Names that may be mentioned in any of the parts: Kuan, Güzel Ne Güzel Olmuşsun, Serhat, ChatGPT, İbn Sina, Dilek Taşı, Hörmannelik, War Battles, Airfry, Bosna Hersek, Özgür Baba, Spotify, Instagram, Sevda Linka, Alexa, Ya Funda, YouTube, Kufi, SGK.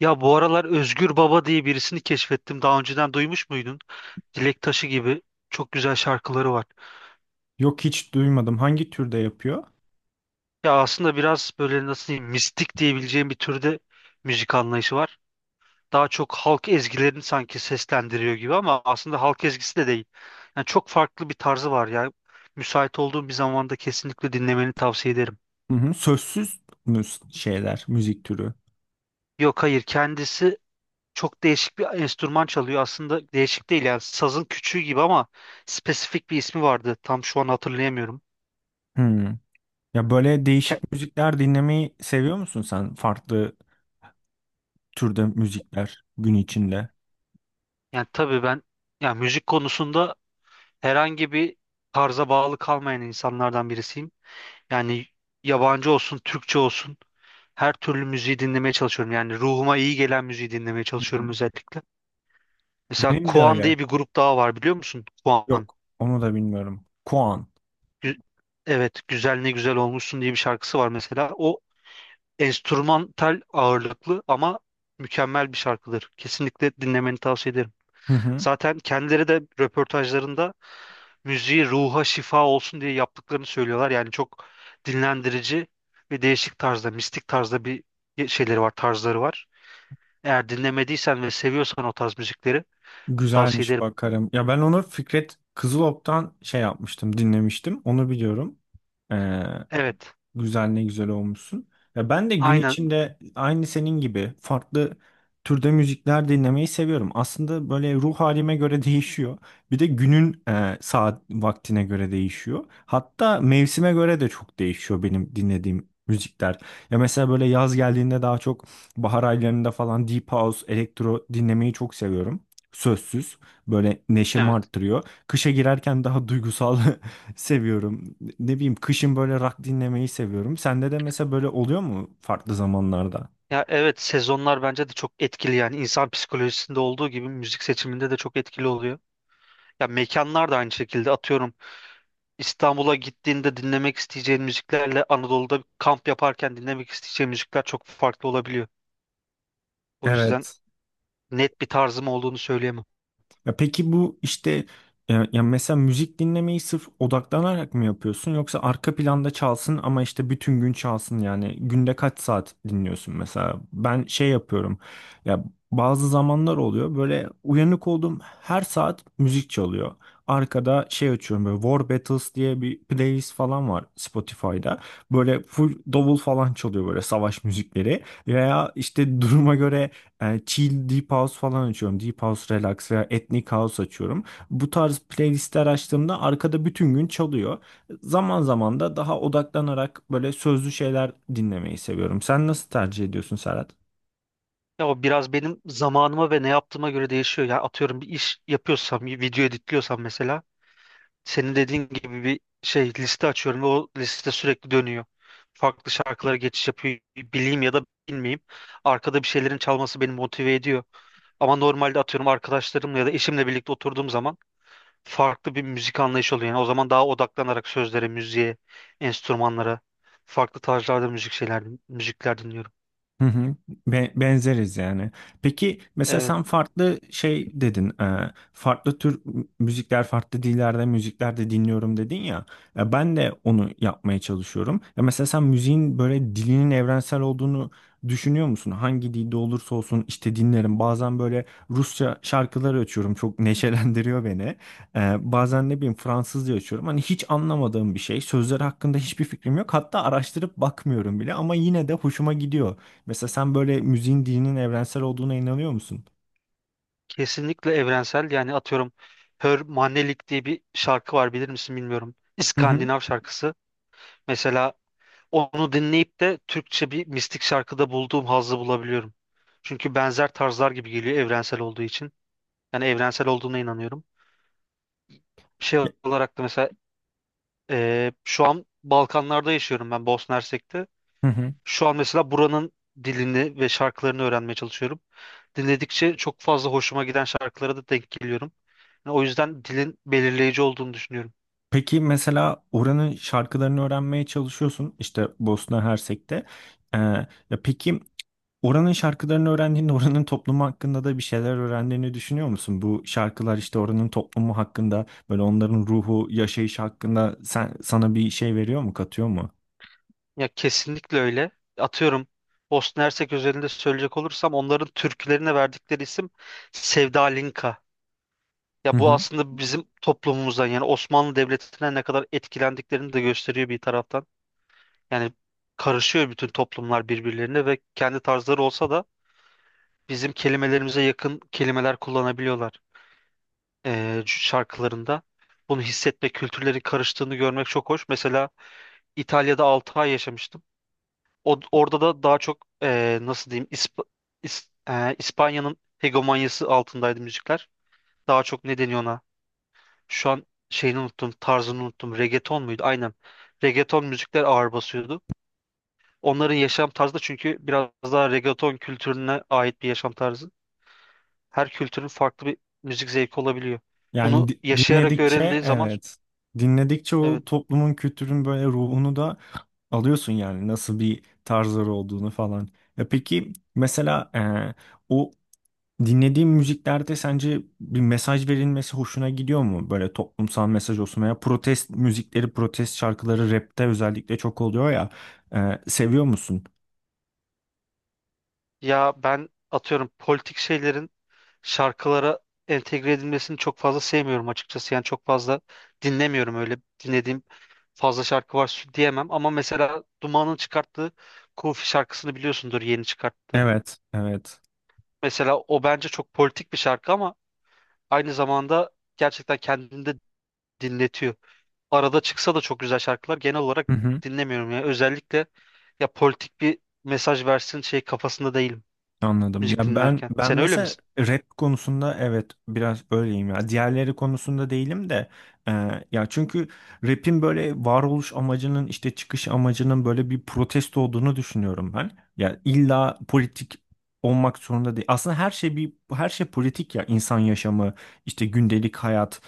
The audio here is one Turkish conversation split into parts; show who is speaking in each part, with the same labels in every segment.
Speaker 1: Ya bu aralar Özgür Baba diye birisini keşfettim. Daha önceden duymuş muydun? Dilek Taşı gibi çok güzel şarkıları var.
Speaker 2: Yok, hiç duymadım. Hangi türde yapıyor?
Speaker 1: Ya aslında biraz böyle nasıl diyeyim mistik diyebileceğim bir türde müzik anlayışı var. Daha çok halk ezgilerini sanki seslendiriyor gibi ama aslında halk ezgisi de değil. Yani çok farklı bir tarzı var ya. Müsait olduğun bir zamanda kesinlikle dinlemeni tavsiye ederim.
Speaker 2: Hı hı. Sözsüz mü şeyler, müzik türü?
Speaker 1: Yok, hayır, kendisi çok değişik bir enstrüman çalıyor. Aslında değişik değil yani sazın küçüğü gibi ama spesifik bir ismi vardı. Tam şu an hatırlayamıyorum.
Speaker 2: Hmm. Ya böyle
Speaker 1: Ke-
Speaker 2: değişik müzikler dinlemeyi seviyor musun sen? Farklı türde müzikler gün içinde.
Speaker 1: Yani tabii ben yani müzik konusunda herhangi bir tarza bağlı kalmayan insanlardan birisiyim. Yani yabancı olsun, Türkçe olsun her türlü müziği dinlemeye çalışıyorum. Yani ruhuma iyi gelen müziği dinlemeye
Speaker 2: Hı hı.
Speaker 1: çalışıyorum özellikle. Mesela
Speaker 2: Benim de
Speaker 1: Kuan
Speaker 2: öyle.
Speaker 1: diye bir grup daha var biliyor musun? Kuan.
Speaker 2: Yok, onu da bilmiyorum. Kuan.
Speaker 1: Gü- evet, Güzel Ne Güzel Olmuşsun diye bir şarkısı var mesela. O enstrümantal ağırlıklı ama mükemmel bir şarkıdır. Kesinlikle dinlemeni tavsiye ederim.
Speaker 2: Hı hı.
Speaker 1: Zaten kendileri de röportajlarında müziği ruha şifa olsun diye yaptıklarını söylüyorlar. Yani çok dinlendirici ve değişik tarzda, mistik tarzda bir şeyleri var, tarzları var. Eğer dinlemediysen ve seviyorsan o tarz müzikleri tavsiye
Speaker 2: Güzelmiş,
Speaker 1: ederim.
Speaker 2: bakarım. Ya ben onu Fikret Kızılok'tan şey yapmıştım, dinlemiştim. Onu biliyorum. Ee,
Speaker 1: Evet,
Speaker 2: Güzel ne güzel olmuşsun. Ya ben de gün
Speaker 1: aynen.
Speaker 2: içinde aynı senin gibi farklı türde müzikler dinlemeyi seviyorum. Aslında böyle ruh halime göre değişiyor. Bir de günün saat vaktine göre değişiyor. Hatta mevsime göre de çok değişiyor benim dinlediğim müzikler. Ya mesela böyle yaz geldiğinde daha çok bahar aylarında falan deep house, elektro dinlemeyi çok seviyorum. Sözsüz böyle neşemi
Speaker 1: Evet.
Speaker 2: arttırıyor. Kışa girerken daha duygusal seviyorum. Ne bileyim kışın böyle rock dinlemeyi seviyorum. Sende de mesela böyle oluyor mu farklı zamanlarda?
Speaker 1: Ya evet, sezonlar bence de çok etkili yani insan psikolojisinde olduğu gibi müzik seçiminde de çok etkili oluyor. Ya mekanlar da aynı şekilde, atıyorum İstanbul'a gittiğinde dinlemek isteyeceğin müziklerle Anadolu'da kamp yaparken dinlemek isteyeceğin müzikler çok farklı olabiliyor. O yüzden
Speaker 2: Evet.
Speaker 1: net bir tarzım olduğunu söyleyemem.
Speaker 2: Ya peki bu işte ya mesela müzik dinlemeyi sırf odaklanarak mı yapıyorsun yoksa arka planda çalsın ama işte bütün gün çalsın, yani günde kaç saat dinliyorsun? Mesela ben şey yapıyorum, ya bazı zamanlar oluyor böyle uyanık olduğum her saat müzik çalıyor, arkada şey açıyorum, böyle War Battles diye bir playlist falan var Spotify'da, böyle full davul falan çalıyor, böyle savaş müzikleri veya işte duruma göre chill deep house falan açıyorum. Deep house relax veya ethnic house açıyorum. Bu tarz playlistler açtığımda arkada bütün gün çalıyor. Zaman zaman da daha odaklanarak böyle sözlü şeyler dinlemeyi seviyorum. Sen nasıl tercih ediyorsun Serhat?
Speaker 1: Ya o biraz benim zamanıma ve ne yaptığıma göre değişiyor. Yani atıyorum bir iş yapıyorsam, bir video editliyorsam mesela senin dediğin gibi bir şey liste açıyorum ve o liste sürekli dönüyor. Farklı şarkılara geçiş yapıyor. Bileyim ya da bilmeyeyim. Arkada bir şeylerin çalması beni motive ediyor. Ama normalde atıyorum arkadaşlarımla ya da eşimle birlikte oturduğum zaman farklı bir müzik anlayışı oluyor. Yani o zaman daha odaklanarak sözlere, müziğe, enstrümanlara, farklı tarzlarda müzik şeyler, müzikler dinliyorum.
Speaker 2: Hı hı. Benzeriz yani. Peki mesela
Speaker 1: Evet.
Speaker 2: sen farklı şey dedin. Farklı tür müzikler, farklı dillerde müzikler de dinliyorum dedin ya. Ya ben de onu yapmaya çalışıyorum. Ya mesela sen müziğin böyle dilinin evrensel olduğunu düşünüyor musun? Hangi dilde olursa olsun işte dinlerim. Bazen böyle Rusça şarkılar açıyorum. Çok neşelendiriyor beni. Bazen ne bileyim Fransızca açıyorum. Hani hiç anlamadığım bir şey. Sözleri hakkında hiçbir fikrim yok. Hatta araştırıp bakmıyorum bile ama yine de hoşuma gidiyor. Mesela sen böyle müziğin dinin evrensel olduğuna inanıyor musun?
Speaker 1: Kesinlikle evrensel, yani atıyorum Hörmannelik diye bir şarkı var bilir misin bilmiyorum.
Speaker 2: Hı hı.
Speaker 1: İskandinav şarkısı. Mesela onu dinleyip de Türkçe bir mistik şarkıda bulduğum hazzı bulabiliyorum. Çünkü benzer tarzlar gibi geliyor evrensel olduğu için. Yani evrensel olduğuna inanıyorum. Şey olarak da mesela şu an Balkanlarda yaşıyorum ben, Bosna Hersek'te.
Speaker 2: Hı hı.
Speaker 1: Şu an mesela buranın dilini ve şarkılarını öğrenmeye çalışıyorum. Dinledikçe çok fazla hoşuma giden şarkılara da denk geliyorum. Yani o yüzden dilin belirleyici olduğunu düşünüyorum.
Speaker 2: Peki mesela oranın şarkılarını öğrenmeye çalışıyorsun işte Bosna Hersek'te. Ee, ya peki oranın şarkılarını öğrendiğinde oranın toplumu hakkında da bir şeyler öğrendiğini düşünüyor musun? Bu şarkılar işte oranın toplumu hakkında böyle onların ruhu, yaşayışı hakkında sen, sana bir şey veriyor mu, katıyor mu?
Speaker 1: Ya kesinlikle öyle. Atıyorum Bosna Hersek özelinde söyleyecek olursam onların türkülerine verdikleri isim Sevda Linka.
Speaker 2: Hı
Speaker 1: Ya bu
Speaker 2: hı.
Speaker 1: aslında bizim toplumumuzdan yani Osmanlı Devleti'ne ne kadar etkilendiklerini de gösteriyor bir taraftan. Yani karışıyor bütün toplumlar birbirlerine ve kendi tarzları olsa da bizim kelimelerimize yakın kelimeler kullanabiliyorlar şarkılarında. Bunu hissetme, kültürlerin karıştığını görmek çok hoş. Mesela İtalya'da 6 ay yaşamıştım. Orada da daha çok nasıl diyeyim İspanya'nın hegemonyası altındaydı müzikler. Daha çok ne deniyor ona? Şu an şeyini unuttum, tarzını unuttum. Reggaeton muydu? Aynen. Reggaeton müzikler ağır basıyordu. Onların yaşam tarzı da çünkü biraz daha reggaeton kültürüne ait bir yaşam tarzı. Her kültürün farklı bir müzik zevki olabiliyor.
Speaker 2: Yani
Speaker 1: Bunu yaşayarak
Speaker 2: dinledikçe
Speaker 1: öğrendiğin zaman
Speaker 2: evet. Dinledikçe
Speaker 1: evet,
Speaker 2: o toplumun kültürün böyle ruhunu da alıyorsun yani, nasıl bir tarzları olduğunu falan. Ya peki mesela o dinlediğin müziklerde sence bir mesaj verilmesi hoşuna gidiyor mu? Böyle toplumsal mesaj olsun veya protest müzikleri, protest şarkıları rapte özellikle çok oluyor ya. Seviyor musun?
Speaker 1: ya ben atıyorum politik şeylerin şarkılara entegre edilmesini çok fazla sevmiyorum açıkçası. Yani çok fazla dinlemiyorum, öyle dinlediğim fazla şarkı var şu diyemem ama mesela Duman'ın çıkarttığı Kufi şarkısını biliyorsundur, yeni çıkarttı.
Speaker 2: Evet, evet.
Speaker 1: Mesela o bence çok politik bir şarkı ama aynı zamanda gerçekten kendini de dinletiyor. Arada çıksa da çok güzel şarkılar, genel olarak dinlemiyorum ya. Özellikle ya politik bir mesaj versin şey kafasında değilim
Speaker 2: Anladım.
Speaker 1: müzik
Speaker 2: Ya ben
Speaker 1: dinlerken.
Speaker 2: ben
Speaker 1: Sen öyle
Speaker 2: mesela
Speaker 1: misin?
Speaker 2: rap konusunda evet biraz öyleyim ya. Diğerleri konusunda değilim de e, çünkü rap'in böyle varoluş amacının, işte çıkış amacının böyle bir protesto olduğunu düşünüyorum ben. Ya illa politik olmak zorunda değil. Aslında her şey politik ya, insan yaşamı, işte gündelik hayat,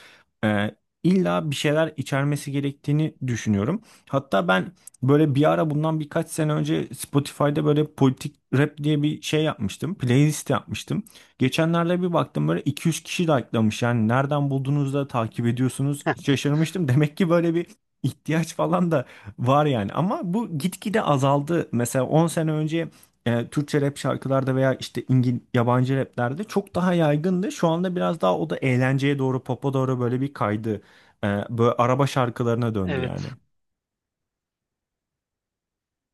Speaker 2: e, illa bir şeyler içermesi gerektiğini düşünüyorum. Hatta ben böyle bir ara, bundan birkaç sene önce, Spotify'da böyle politik rap diye bir şey yapmıştım. Playlist yapmıştım. Geçenlerde bir baktım, böyle 200 kişi like'lamış. Yani nereden buldunuz da takip ediyorsunuz, şaşırmıştım. Demek ki böyle bir ihtiyaç falan da var yani. Ama bu gitgide azaldı. Mesela 10 sene önce Türkçe rap şarkılarda veya işte yabancı raplerde çok daha yaygındı. Şu anda biraz daha o da eğlenceye doğru, popa doğru böyle bir kaydı. Böyle araba şarkılarına döndü yani.
Speaker 1: Evet.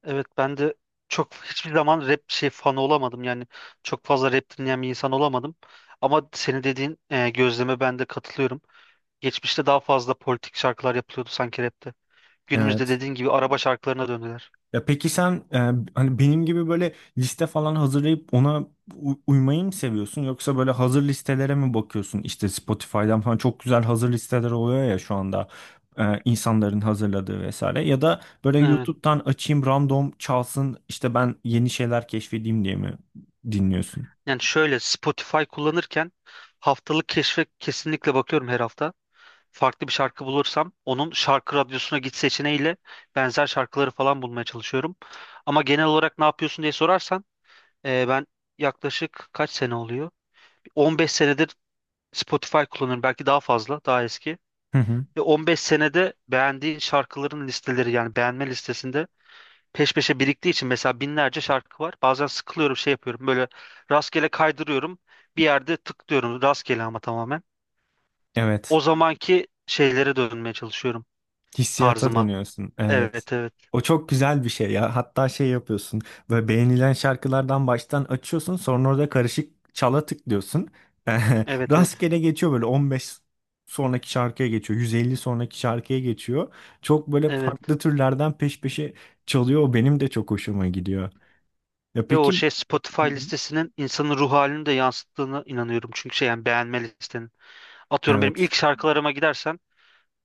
Speaker 1: Evet ben de çok hiçbir zaman rap şey fanı olamadım. Yani çok fazla rap dinleyen bir insan olamadım. Ama senin dediğin gözleme ben de katılıyorum. Geçmişte daha fazla politik şarkılar yapılıyordu sanki rapte. Günümüzde
Speaker 2: Evet.
Speaker 1: dediğin gibi araba şarkılarına döndüler.
Speaker 2: Ya peki sen hani benim gibi böyle liste falan hazırlayıp ona uymayı mı seviyorsun yoksa böyle hazır listelere mi bakıyorsun? İşte Spotify'dan falan çok güzel hazır listeler oluyor ya şu anda, insanların hazırladığı vesaire, ya da böyle
Speaker 1: Evet.
Speaker 2: YouTube'dan açayım random çalsın işte ben yeni şeyler keşfedeyim diye mi dinliyorsun?
Speaker 1: Yani şöyle, Spotify kullanırken haftalık keşfe kesinlikle bakıyorum her hafta. Farklı bir şarkı bulursam onun şarkı radyosuna git seçeneğiyle benzer şarkıları falan bulmaya çalışıyorum. Ama genel olarak ne yapıyorsun diye sorarsan ben yaklaşık kaç sene oluyor? 15 senedir Spotify kullanıyorum. Belki daha fazla, daha eski.
Speaker 2: Hı hı.
Speaker 1: Ve 15 senede beğendiğin şarkıların listeleri yani beğenme listesinde peş peşe biriktiği için mesela binlerce şarkı var. Bazen sıkılıyorum şey yapıyorum böyle, rastgele kaydırıyorum, bir yerde tıklıyorum rastgele ama tamamen. O
Speaker 2: Evet.
Speaker 1: zamanki şeylere dönmeye çalışıyorum,
Speaker 2: Hissiyata
Speaker 1: tarzıma.
Speaker 2: dönüyorsun. Evet.
Speaker 1: Evet, evet.
Speaker 2: O çok güzel bir şey ya. Hatta şey yapıyorsun. Böyle beğenilen şarkılardan baştan açıyorsun. Sonra orada karışık çala tıklıyorsun.
Speaker 1: Evet, evet.
Speaker 2: Rastgele geçiyor, böyle 15 sonraki şarkıya geçiyor. 150 sonraki şarkıya geçiyor. Çok böyle
Speaker 1: Evet.
Speaker 2: farklı türlerden peş peşe çalıyor. O benim de çok hoşuma gidiyor. Ya
Speaker 1: Ve o
Speaker 2: peki.
Speaker 1: şey, Spotify
Speaker 2: Hı hı.
Speaker 1: listesinin insanın ruh halini de yansıttığını inanıyorum. Çünkü şey yani beğenme listenin. Atıyorum benim
Speaker 2: Evet.
Speaker 1: ilk şarkılarıma gidersen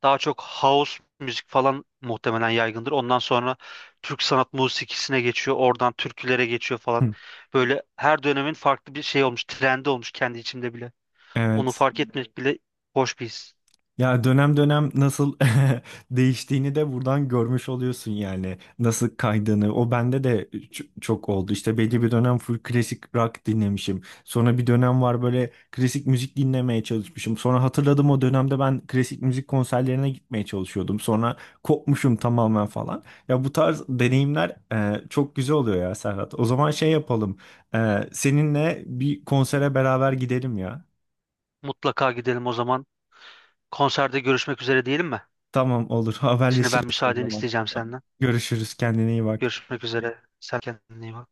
Speaker 1: daha çok house müzik falan muhtemelen yaygındır. Ondan sonra Türk sanat musikisine geçiyor. Oradan türkülere geçiyor falan.
Speaker 2: Hı.
Speaker 1: Böyle her dönemin farklı bir şey olmuş. Trendi olmuş kendi içimde bile. Onu
Speaker 2: Evet.
Speaker 1: fark etmek bile hoş bir his.
Speaker 2: Ya dönem dönem nasıl değiştiğini de buradan görmüş oluyorsun yani. Nasıl kaydığını. O bende de çok oldu. İşte belli bir dönem full klasik rock dinlemişim. Sonra bir dönem var, böyle klasik müzik dinlemeye çalışmışım. Sonra hatırladım, o dönemde ben klasik müzik konserlerine gitmeye çalışıyordum. Sonra kopmuşum tamamen falan. Ya bu tarz deneyimler çok güzel oluyor ya Serhat. O zaman şey yapalım. Seninle bir konsere beraber gidelim ya.
Speaker 1: Mutlaka gidelim o zaman. Konserde görüşmek üzere diyelim mi?
Speaker 2: Tamam, olur,
Speaker 1: Şimdi ben
Speaker 2: haberleşiriz o
Speaker 1: müsaadeni
Speaker 2: zaman.
Speaker 1: isteyeceğim
Speaker 2: Tamam.
Speaker 1: senden.
Speaker 2: Görüşürüz, kendine iyi bak.
Speaker 1: Görüşmek üzere. Sen kendine iyi bak.